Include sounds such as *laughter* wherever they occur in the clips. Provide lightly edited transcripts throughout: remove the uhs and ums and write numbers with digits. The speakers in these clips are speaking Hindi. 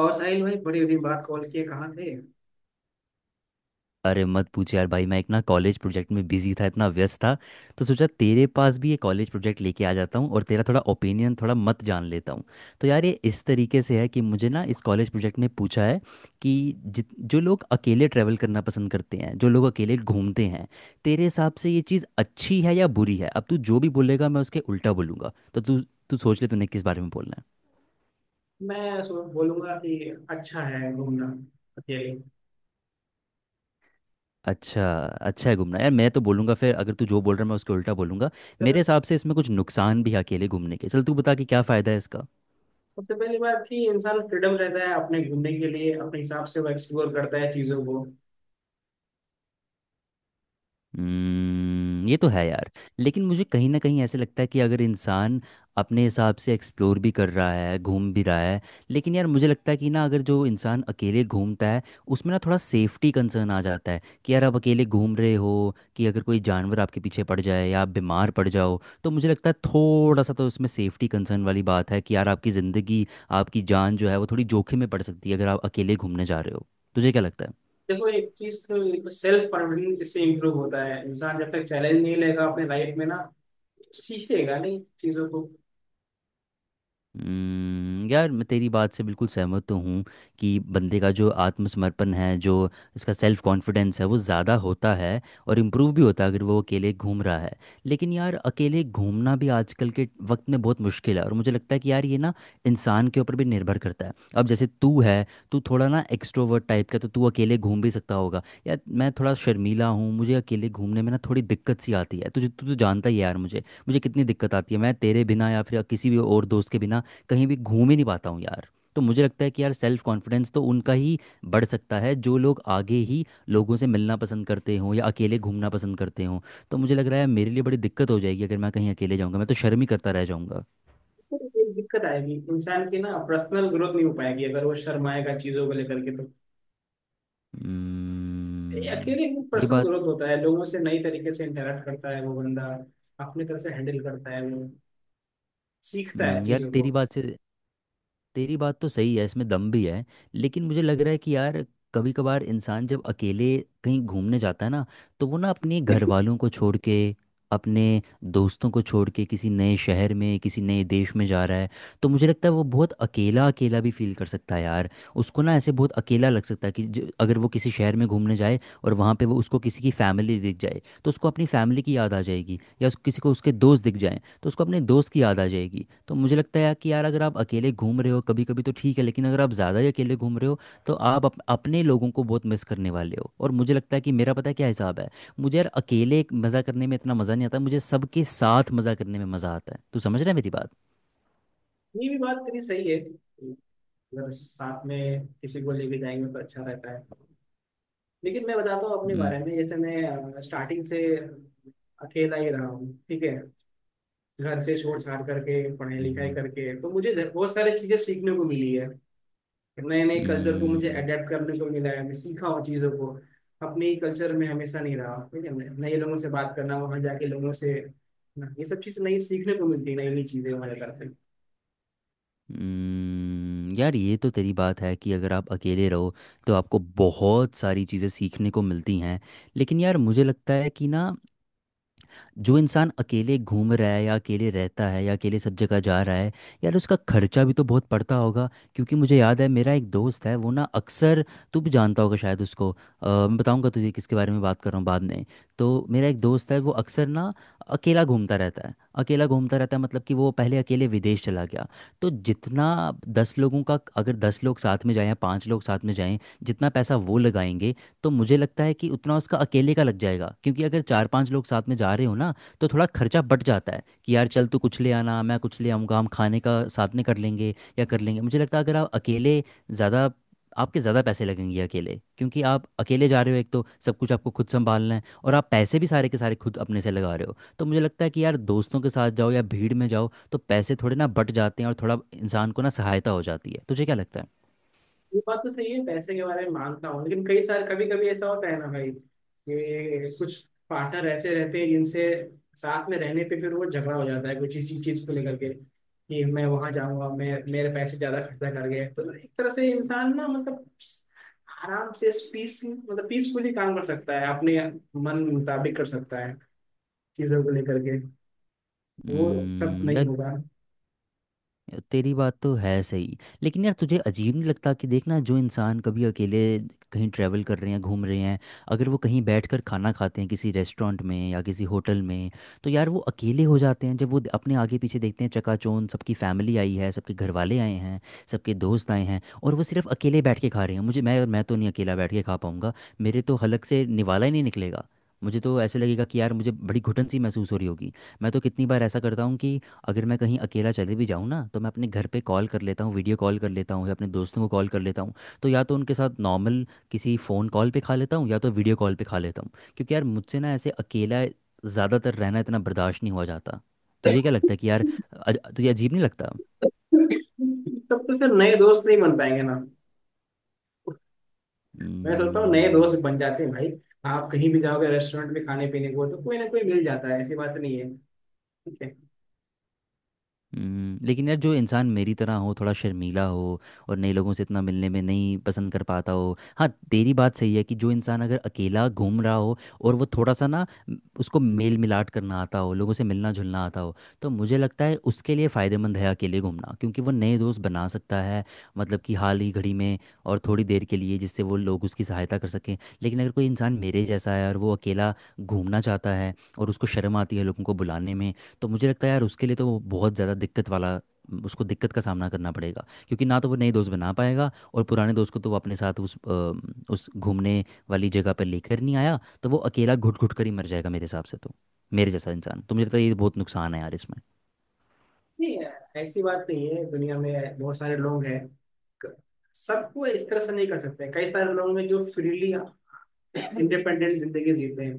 और साहिल भाई बड़ी दिन बाद कॉल किए कहाँ थे? अरे मत पूछ यार भाई, मैं एक ना कॉलेज प्रोजेक्ट में बिजी था, इतना व्यस्त था। तो सोचा तेरे पास भी ये कॉलेज प्रोजेक्ट लेके आ जाता हूँ और तेरा थोड़ा ओपिनियन थोड़ा मत जान लेता हूँ। तो यार ये इस तरीके से है कि मुझे ना इस कॉलेज प्रोजेक्ट में पूछा है कि जित जो लोग अकेले ट्रैवल करना पसंद करते हैं, जो लोग अकेले घूमते हैं, तेरे हिसाब से ये चीज़ अच्छी है या बुरी है। अब तू जो भी बोलेगा मैं उसके उल्टा बोलूँगा, तो तू तू सोच ले तूने किस बारे में बोलना है। मैं सो बोलूंगा कि अच्छा है घूमना अकेले। अच्छा। अच्छा है घूमना, यार मैं तो बोलूँगा फिर, अगर तू जो बोल रहा है मैं उसके उल्टा बोलूँगा। चलो। मेरे हिसाब से इसमें कुछ नुकसान भी है अकेले घूमने के। चल तू बता कि क्या फ़ायदा है इसका। सबसे पहली बात कि इंसान फ्रीडम रहता है अपने घूमने के लिए अपने हिसाब से वो एक्सप्लोर करता है चीज़ों को। हम्म, ये तो है यार। लेकिन मुझे कहीं ना कहीं ऐसे लगता है कि अगर इंसान अपने हिसाब से एक्सप्लोर भी कर रहा है, घूम भी रहा है, लेकिन यार मुझे लगता है कि ना अगर जो इंसान अकेले घूमता है उसमें ना थोड़ा सेफ्टी कंसर्न आ जाता है कि यार आप अकेले घूम रहे हो, कि अगर कोई जानवर आपके पीछे पड़ जाए या आप बीमार पड़ जाओ, तो मुझे लगता है थोड़ा सा तो उसमें सेफ्टी कंसर्न वाली बात है कि यार आपकी ज़िंदगी, आपकी जान जो है वो थोड़ी जोखिम में पड़ सकती है अगर आप अकेले घूमने जा रहे हो। तुझे क्या लगता है। देखो एक चीज तो सेल्फ कॉन्फिडेंस इससे इम्प्रूव होता है। इंसान जब तक चैलेंज नहीं लेगा अपने लाइफ में ना सीखेगा नहीं चीज़ों को। यार मैं तेरी बात से बिल्कुल सहमत तो हूँ कि बंदे का जो आत्मसमर्पण है, जो उसका सेल्फ कॉन्फिडेंस है वो ज़्यादा होता है और इम्प्रूव भी होता है अगर वो अकेले घूम रहा है। लेकिन यार अकेले घूमना भी आजकल के वक्त में बहुत मुश्किल है, और मुझे लगता है कि यार ये ना इंसान के ऊपर भी निर्भर करता है। अब जैसे तू है, तू थोड़ा ना एक्सट्रोवर्ट टाइप का, तो तू अकेले घूम भी सकता होगा। यार मैं थोड़ा शर्मीला हूँ, मुझे अकेले घूमने में ना थोड़ी दिक्कत सी आती है। तुझे तू तो जानता ही है यार मुझे मुझे कितनी दिक्कत आती है। मैं तेरे बिना या फिर किसी भी और दोस्त के बिना कहीं भी घूम ही नहीं पाता हूँ यार। तो मुझे लगता है कि यार सेल्फ कॉन्फिडेंस तो उनका ही बढ़ सकता है जो लोग आगे ही लोगों से मिलना पसंद करते हों या अकेले घूमना पसंद करते हों। तो मुझे लग रहा है मेरे लिए बड़ी दिक्कत हो जाएगी अगर मैं कहीं अकेले जाऊँगा, मैं तो शर्म ही करता रह जाऊँगा। तो एक दिक्कत आएगी इंसान की ना पर्सनल ग्रोथ नहीं हो पाएगी अगर वो शर्माएगा चीज़ों को लेकर के तो। ये हम्म। अकेले में ये पर्सनल बात। ग्रोथ होता है। लोगों से नई तरीके से इंटरेक्ट करता है वो बंदा। अपने तरह से हैंडल करता है वो। सीखता है यार चीजों को। तेरी बात तो सही है, इसमें दम भी है। लेकिन मुझे लग रहा है कि यार कभी कभार इंसान जब अकेले कहीं घूमने जाता है ना, तो वो ना अपने घर *laughs* वालों को छोड़ के अपने दोस्तों को छोड़ के किसी नए शहर में किसी नए देश में जा रहा है, तो मुझे लगता है वो बहुत अकेला अकेला भी फील कर सकता है यार। उसको ना ऐसे बहुत अकेला लग सकता है कि अगर वो किसी शहर में घूमने जाए और वहाँ पे वो उसको किसी की फैमिली दिख जाए, तो उसको अपनी फैमिली की याद आ जाएगी, या किसी को उसके दोस्त दिख जाए तो उसको अपने दोस्त की याद आ जाएगी। तो मुझे लगता है कि यार अगर आप अकेले घूम रहे हो कभी कभी तो ठीक है, लेकिन अगर आप ज़्यादा ही अकेले घूम रहे हो, तो आप अपने लोगों को बहुत मिस करने वाले हो, और मुझे लगता है कि मेरा पता है क्या हिसाब है। मुझे यार अकेले मज़ा करने में इतना मज़ा नहीं आता, मुझे सबके साथ मज़ा करने में मज़ा आता है। तू समझ रहा है मेरी बात। ये भी बात तेरी सही है अगर साथ में किसी को लेके जाएंगे तो अच्छा रहता है। लेकिन मैं बताता हूँ अपने हम्म। बारे में जैसे मैं स्टार्टिंग से अकेला ही रहा हूँ। ठीक है। घर से छोड़ छाड़ करके पढ़ाई लिखाई हम्म। करके तो मुझे बहुत सारी चीजें सीखने को मिली है। नए नए कल्चर को मुझे हम्म। अडेप्ट करने को मिला है। मैं सीखा हूँ चीज़ों को। अपने ही कल्चर में हमेशा नहीं रहा। ठीक है। नए लोगों से बात करना वहाँ जाके लोगों से ये सब चीज़ नई सीखने को मिलती है। नई नई चीज़ें हमारे करते। यार ये तो तेरी बात है कि अगर आप अकेले रहो तो आपको बहुत सारी चीज़ें सीखने को मिलती हैं। लेकिन यार मुझे लगता है कि ना जो इंसान अकेले घूम रहा है या अकेले रहता है या अकेले सब जगह जा रहा है, यार उसका खर्चा भी तो बहुत पड़ता होगा। क्योंकि मुझे याद है मेरा एक दोस्त है, वो ना अक्सर, तू भी जानता होगा शायद उसको, मैं बताऊंगा तुझे किसके बारे में बात कर रहा हूँ बाद में। तो मेरा एक दोस्त है वो अक्सर ना अकेला घूमता रहता है। अकेला घूमता रहता है, मतलब कि वो पहले अकेले विदेश चला गया। तो जितना दस लोगों का, अगर दस लोग साथ में जाएं या पाँच लोग साथ में जाएं, जितना पैसा वो लगाएंगे, तो मुझे लगता है कि उतना उसका अकेले का लग जाएगा। क्योंकि अगर चार पांच लोग साथ में जा रहे हो ना, तो थोड़ा खर्चा बढ़ जाता है, कि यार चल तू कुछ ले आना, मैं कुछ ले आऊँगा, हम खाने का साथ में कर लेंगे या कर लेंगे। मुझे लगता है अगर आप अकेले ज़्यादा, आपके ज़्यादा पैसे लगेंगे अकेले, क्योंकि आप अकेले जा रहे हो, एक तो सब कुछ आपको खुद संभालना है, और आप पैसे भी सारे के सारे खुद अपने से लगा रहे हो। तो मुझे लगता है कि यार दोस्तों के साथ जाओ या भीड़ में जाओ तो पैसे थोड़े ना बट जाते हैं, और थोड़ा इंसान को ना सहायता हो जाती है। तुझे क्या लगता। ये बात तो सही है पैसे के बारे में मानता हूँ। लेकिन कई सारे कभी कभी ऐसा होता है ना भाई कि कुछ पार्टनर ऐसे रहते हैं जिनसे साथ में रहने पे फिर वो झगड़ा हो जाता है कुछ इसी चीज को लेकर के कि मैं वहां जाऊंगा मैं मेरे पैसे ज्यादा खर्चा कर गए। तो एक तरह से इंसान ना मतलब आराम से पीस मतलब पीसफुली काम कर सकता है अपने मन मुताबिक कर सकता है चीजों को लेकर के। वो सब है नहीं होगा। यार, तेरी बात तो है सही। लेकिन यार तुझे अजीब नहीं लगता कि देखना, जो इंसान कभी अकेले कहीं ट्रैवल कर रहे हैं, घूम रहे हैं, अगर वो कहीं बैठकर खाना खाते हैं किसी रेस्टोरेंट में या किसी होटल में, तो यार वो अकेले हो जाते हैं जब वो अपने आगे पीछे देखते हैं, चकाचौंध सबकी फैमिली आई है, सबके घर वाले आए हैं, सबके दोस्त आए हैं, और वो सिर्फ अकेले बैठ के खा रहे हैं। मुझे मैं तो नहीं अकेला बैठ के खा पाऊंगा। मेरे तो हलक से निवाला ही नहीं निकलेगा। मुझे तो ऐसे लगेगा कि यार मुझे बड़ी घुटन सी महसूस हो रही होगी। मैं तो कितनी बार ऐसा करता हूँ कि अगर मैं कहीं अकेला चले भी जाऊँ ना, तो मैं अपने घर पे कॉल कर लेता हूँ, वीडियो कॉल कर लेता हूँ, या अपने दोस्तों को कॉल कर लेता हूँ। तो या तो उनके साथ नॉर्मल किसी फ़ोन कॉल पे खा लेता हूँ, या तो वीडियो कॉल पे खा लेता हूँ। क्योंकि यार मुझसे ना ऐसे अकेला ज़्यादातर रहना इतना बर्दाश्त नहीं हुआ जाता। तुझे क्या लगता है कि यार, तुझे अजीब नहीं लगता। *laughs* तब तो फिर नए दोस्त नहीं बन पाएंगे ना? मैं सोचता हूँ नए हम्म। दोस्त बन जाते हैं भाई। आप कहीं भी जाओगे रेस्टोरेंट में खाने पीने को तो कोई ना कोई मिल जाता है। ऐसी बात नहीं है। ठीक है। लेकिन यार जो इंसान मेरी तरह हो थोड़ा शर्मीला हो और नए लोगों से इतना मिलने में नहीं पसंद कर पाता हो, हाँ तेरी बात सही है कि जो इंसान अगर अकेला घूम रहा हो और वो थोड़ा सा ना उसको मेल मिलाट करना आता हो लोगों से मिलना जुलना आता हो, तो मुझे लगता है उसके लिए फ़ायदेमंद है अकेले घूमना, क्योंकि वो नए दोस्त बना सकता है। मतलब कि हाल ही घड़ी में और थोड़ी देर के लिए जिससे वो लोग उसकी सहायता कर सकें। लेकिन अगर कोई इंसान मेरे जैसा है और वो अकेला घूमना चाहता है, और उसको शर्म आती है लोगों को बुलाने में, तो मुझे लगता है यार उसके लिए तो वो बहुत ज़्यादा दिक्कत वाला, उसको दिक्कत का सामना करना पड़ेगा, क्योंकि ना तो वो नए दोस्त बना पाएगा, और पुराने दोस्त को तो वो अपने साथ उस घूमने वाली जगह पर लेकर नहीं आया, तो वो अकेला घुट घुट कर ही मर जाएगा मेरे हिसाब से तो। मेरे जैसा इंसान तो मुझे लगता है ये बहुत नुकसान है यार इसमें। नहीं। ऐसी बात नहीं है। दुनिया में बहुत सारे लोग हैं। क- सबको इस तरह से नहीं कर सकते। कई सारे लोग हैं जो फ्रीली इंडिपेंडेंट जिंदगी जीते हैं।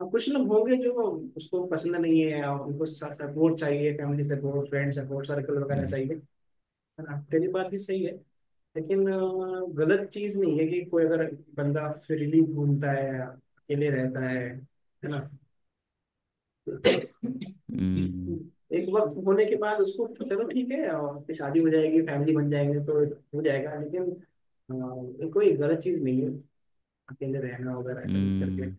और कुछ लोग होंगे जो उसको पसंद नहीं है और उनको सपोर्ट चाहिए। Family support friend support circle वगैरह हम्म। चाहिए। ना तेरी बात भी सही है। लेकिन गलत चीज नहीं है कि कोई अगर बंदा फ्रीली घूमता है अकेले रहता है। है ना? हम्म। एक वक्त होने के बाद उसको तो चलो ठीक है। और फिर शादी हो जाएगी फैमिली बन जाएंगे तो हो जाएगा। लेकिन ये कोई गलत चीज नहीं है अकेले रहना वगैरह ऐसा कुछ करके ये। हम्म,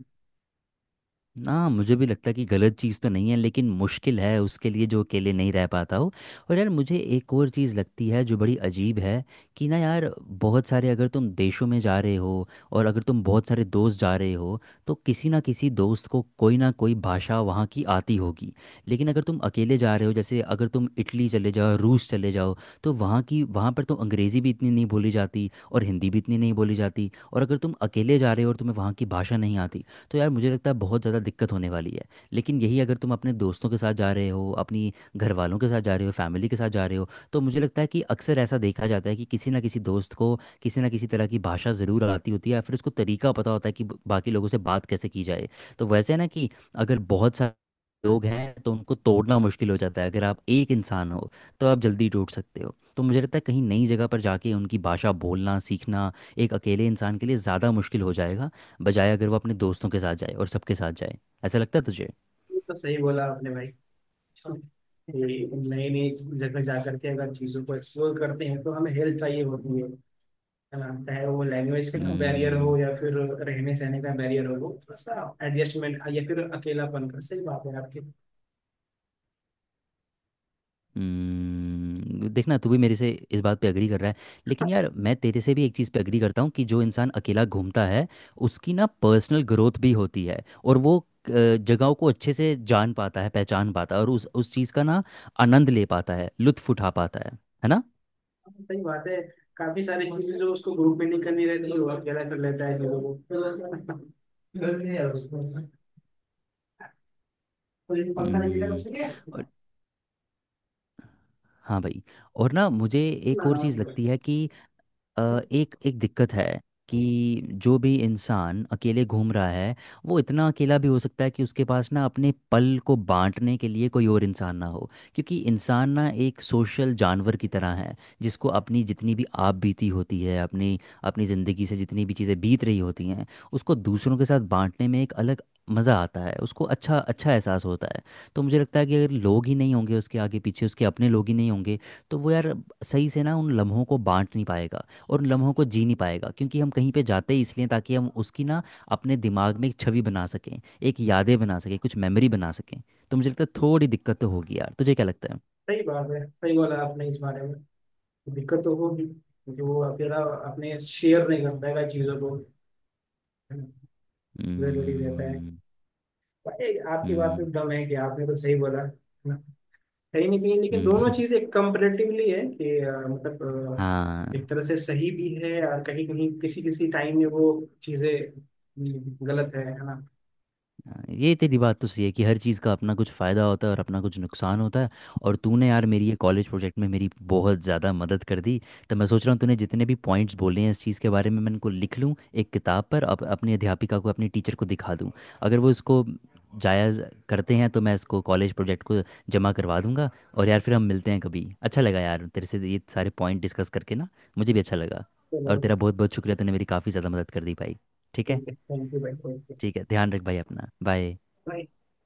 ना मुझे भी लगता है कि गलत चीज़ तो नहीं है, लेकिन मुश्किल है उसके लिए जो अकेले नहीं रह पाता हो। और यार मुझे एक और चीज़ लगती है जो बड़ी अजीब है, कि ना यार बहुत सारे, अगर तुम देशों में जा रहे हो और अगर तुम बहुत सारे दोस्त जा रहे हो, तो किसी ना किसी दोस्त को कोई ना कोई भाषा वहाँ की आती होगी। लेकिन अगर तुम अकेले जा रहे हो, जैसे अगर तुम इटली चले जाओ रूस चले जाओ, तो वहाँ पर तो अंग्रेज़ी भी इतनी नहीं बोली जाती और हिंदी भी इतनी नहीं बोली जाती, और अगर तुम अकेले जा रहे हो और तुम्हें वहाँ की भाषा नहीं आती, तो यार मुझे लगता है बहुत ज़्यादा दिक्कत होने वाली है। लेकिन यही अगर तुम अपने दोस्तों के साथ जा रहे हो, अपनी घर वालों के साथ जा रहे हो, फैमिली के साथ जा रहे हो, तो मुझे लगता है कि अक्सर ऐसा देखा जाता है कि किसी ना किसी दोस्त को किसी ना किसी तरह की भाषा ज़रूर आती होती है, या फिर उसको तरीका पता होता है कि बाकी लोगों से बात कैसे की जाए। तो वैसे है ना, कि अगर बहुत सारे लोग हैं तो उनको तोड़ना मुश्किल हो जाता है, अगर आप एक इंसान हो तो आप जल्दी टूट सकते हो। तो मुझे लगता है कहीं नई जगह पर जाके उनकी भाषा बोलना सीखना एक अकेले इंसान के लिए ज़्यादा मुश्किल हो जाएगा, बजाय अगर वो अपने दोस्तों के साथ जाए और सबके साथ जाए। ऐसा लगता है तुझे। तो सही बोला आपने भाई। ये नई नई जगह जा करके अगर चीजों को एक्सप्लोर करते हैं तो हमें हेल्प चाहिए होती है। हाँ, चाहे वो लैंग्वेज का बैरियर हो हम्म। या फिर रहने सहने का बैरियर हो वो थोड़ा सा एडजस्टमेंट या फिर अकेलापन का सही बात है आपकी। देखना तू भी मेरे से इस बात पे एग्री कर रहा है। लेकिन यार मैं तेरे से भी एक चीज़ पे एग्री करता हूँ कि जो इंसान अकेला घूमता है उसकी ना पर्सनल ग्रोथ भी होती है, और वो जगहों को अच्छे से जान पाता है, पहचान पाता है, और उस चीज़ का ना आनंद ले पाता है, लुत्फ उठा पाता है। है ना। सही बात है। काफी सारी चीजें जो उसको ग्रुप में नहीं करनी रहती वो अकेला कर लेता है लोगों को। हम्म। और- हाँ भाई। और ना मुझे एक और चीज़ लगती है कि एक एक दिक्कत है कि जो भी इंसान अकेले घूम रहा है, वो इतना अकेला भी हो सकता है कि उसके पास ना अपने पल को बांटने के लिए कोई और इंसान ना हो, क्योंकि इंसान ना एक सोशल जानवर की तरह है, जिसको अपनी जितनी भी आप बीती होती है, अपनी अपनी ज़िंदगी से जितनी भी चीज़ें बीत रही होती हैं, उसको दूसरों के साथ बांटने में एक अलग मज़ा आता है, उसको अच्छा अच्छा एहसास होता है। तो मुझे लगता है कि अगर लोग ही नहीं होंगे उसके आगे पीछे, उसके अपने लोग ही नहीं होंगे, तो वो यार सही से ना उन लम्हों को बांट नहीं पाएगा और उन लम्हों को जी नहीं पाएगा, क्योंकि हम कहीं पे जाते ही इसलिए ताकि हम उसकी ना अपने दिमाग में एक छवि बना सकें, एक यादें बना सकें, कुछ मेमोरी बना सकें। तो मुझे लगता है थोड़ी दिक्कत तो होगी यार, तुझे क्या लगता है। सही बात है। सही बोला आपने इस बारे में। दिक्कत तो होगी क्योंकि वो अकेला अपने शेयर नहीं कर पाएगा चीजों को। जरूरी रहता है। हम्म। भाई आपकी बात हम्म। में दम है कि आपने तो सही बोला। कहीं ना कहीं लेकिन दोनों हम्म। चीजें कंपेरेटिवली है कि मतलब। *laughs* हाँ। एक तरह से सही भी है और कहीं कहीं किसी किसी टाइम में वो चीजें गलत है ना? हाँ, ये तेरी बात तो सही है कि हर चीज़ का अपना कुछ फ़ायदा होता है और अपना कुछ नुकसान होता है। और तूने यार मेरी ये कॉलेज प्रोजेक्ट में मेरी बहुत ज़्यादा मदद कर दी। तो मैं सोच रहा हूँ तूने जितने भी पॉइंट्स बोले हैं इस चीज़ के बारे में, मैं इनको लिख लूँ एक किताब पर, अपनी अध्यापिका को, अपनी टीचर को दिखा दूँ। अगर वो इसको जायज़ करते हैं, तो मैं इसको कॉलेज प्रोजेक्ट को जमा करवा दूंगा। और यार फिर हम मिलते हैं कभी। अच्छा लगा यार तेरे से ये सारे पॉइंट डिस्कस करके ना। मुझे भी अच्छा लगा। चलो और तेरा बहुत बहुत शुक्रिया, तूने मेरी काफ़ी ज़्यादा मदद कर दी भाई। ठीक है। ठीक है। थैंक यू भाई। थैंक ठीक है, ध्यान रख भाई अपना। बाय। यू।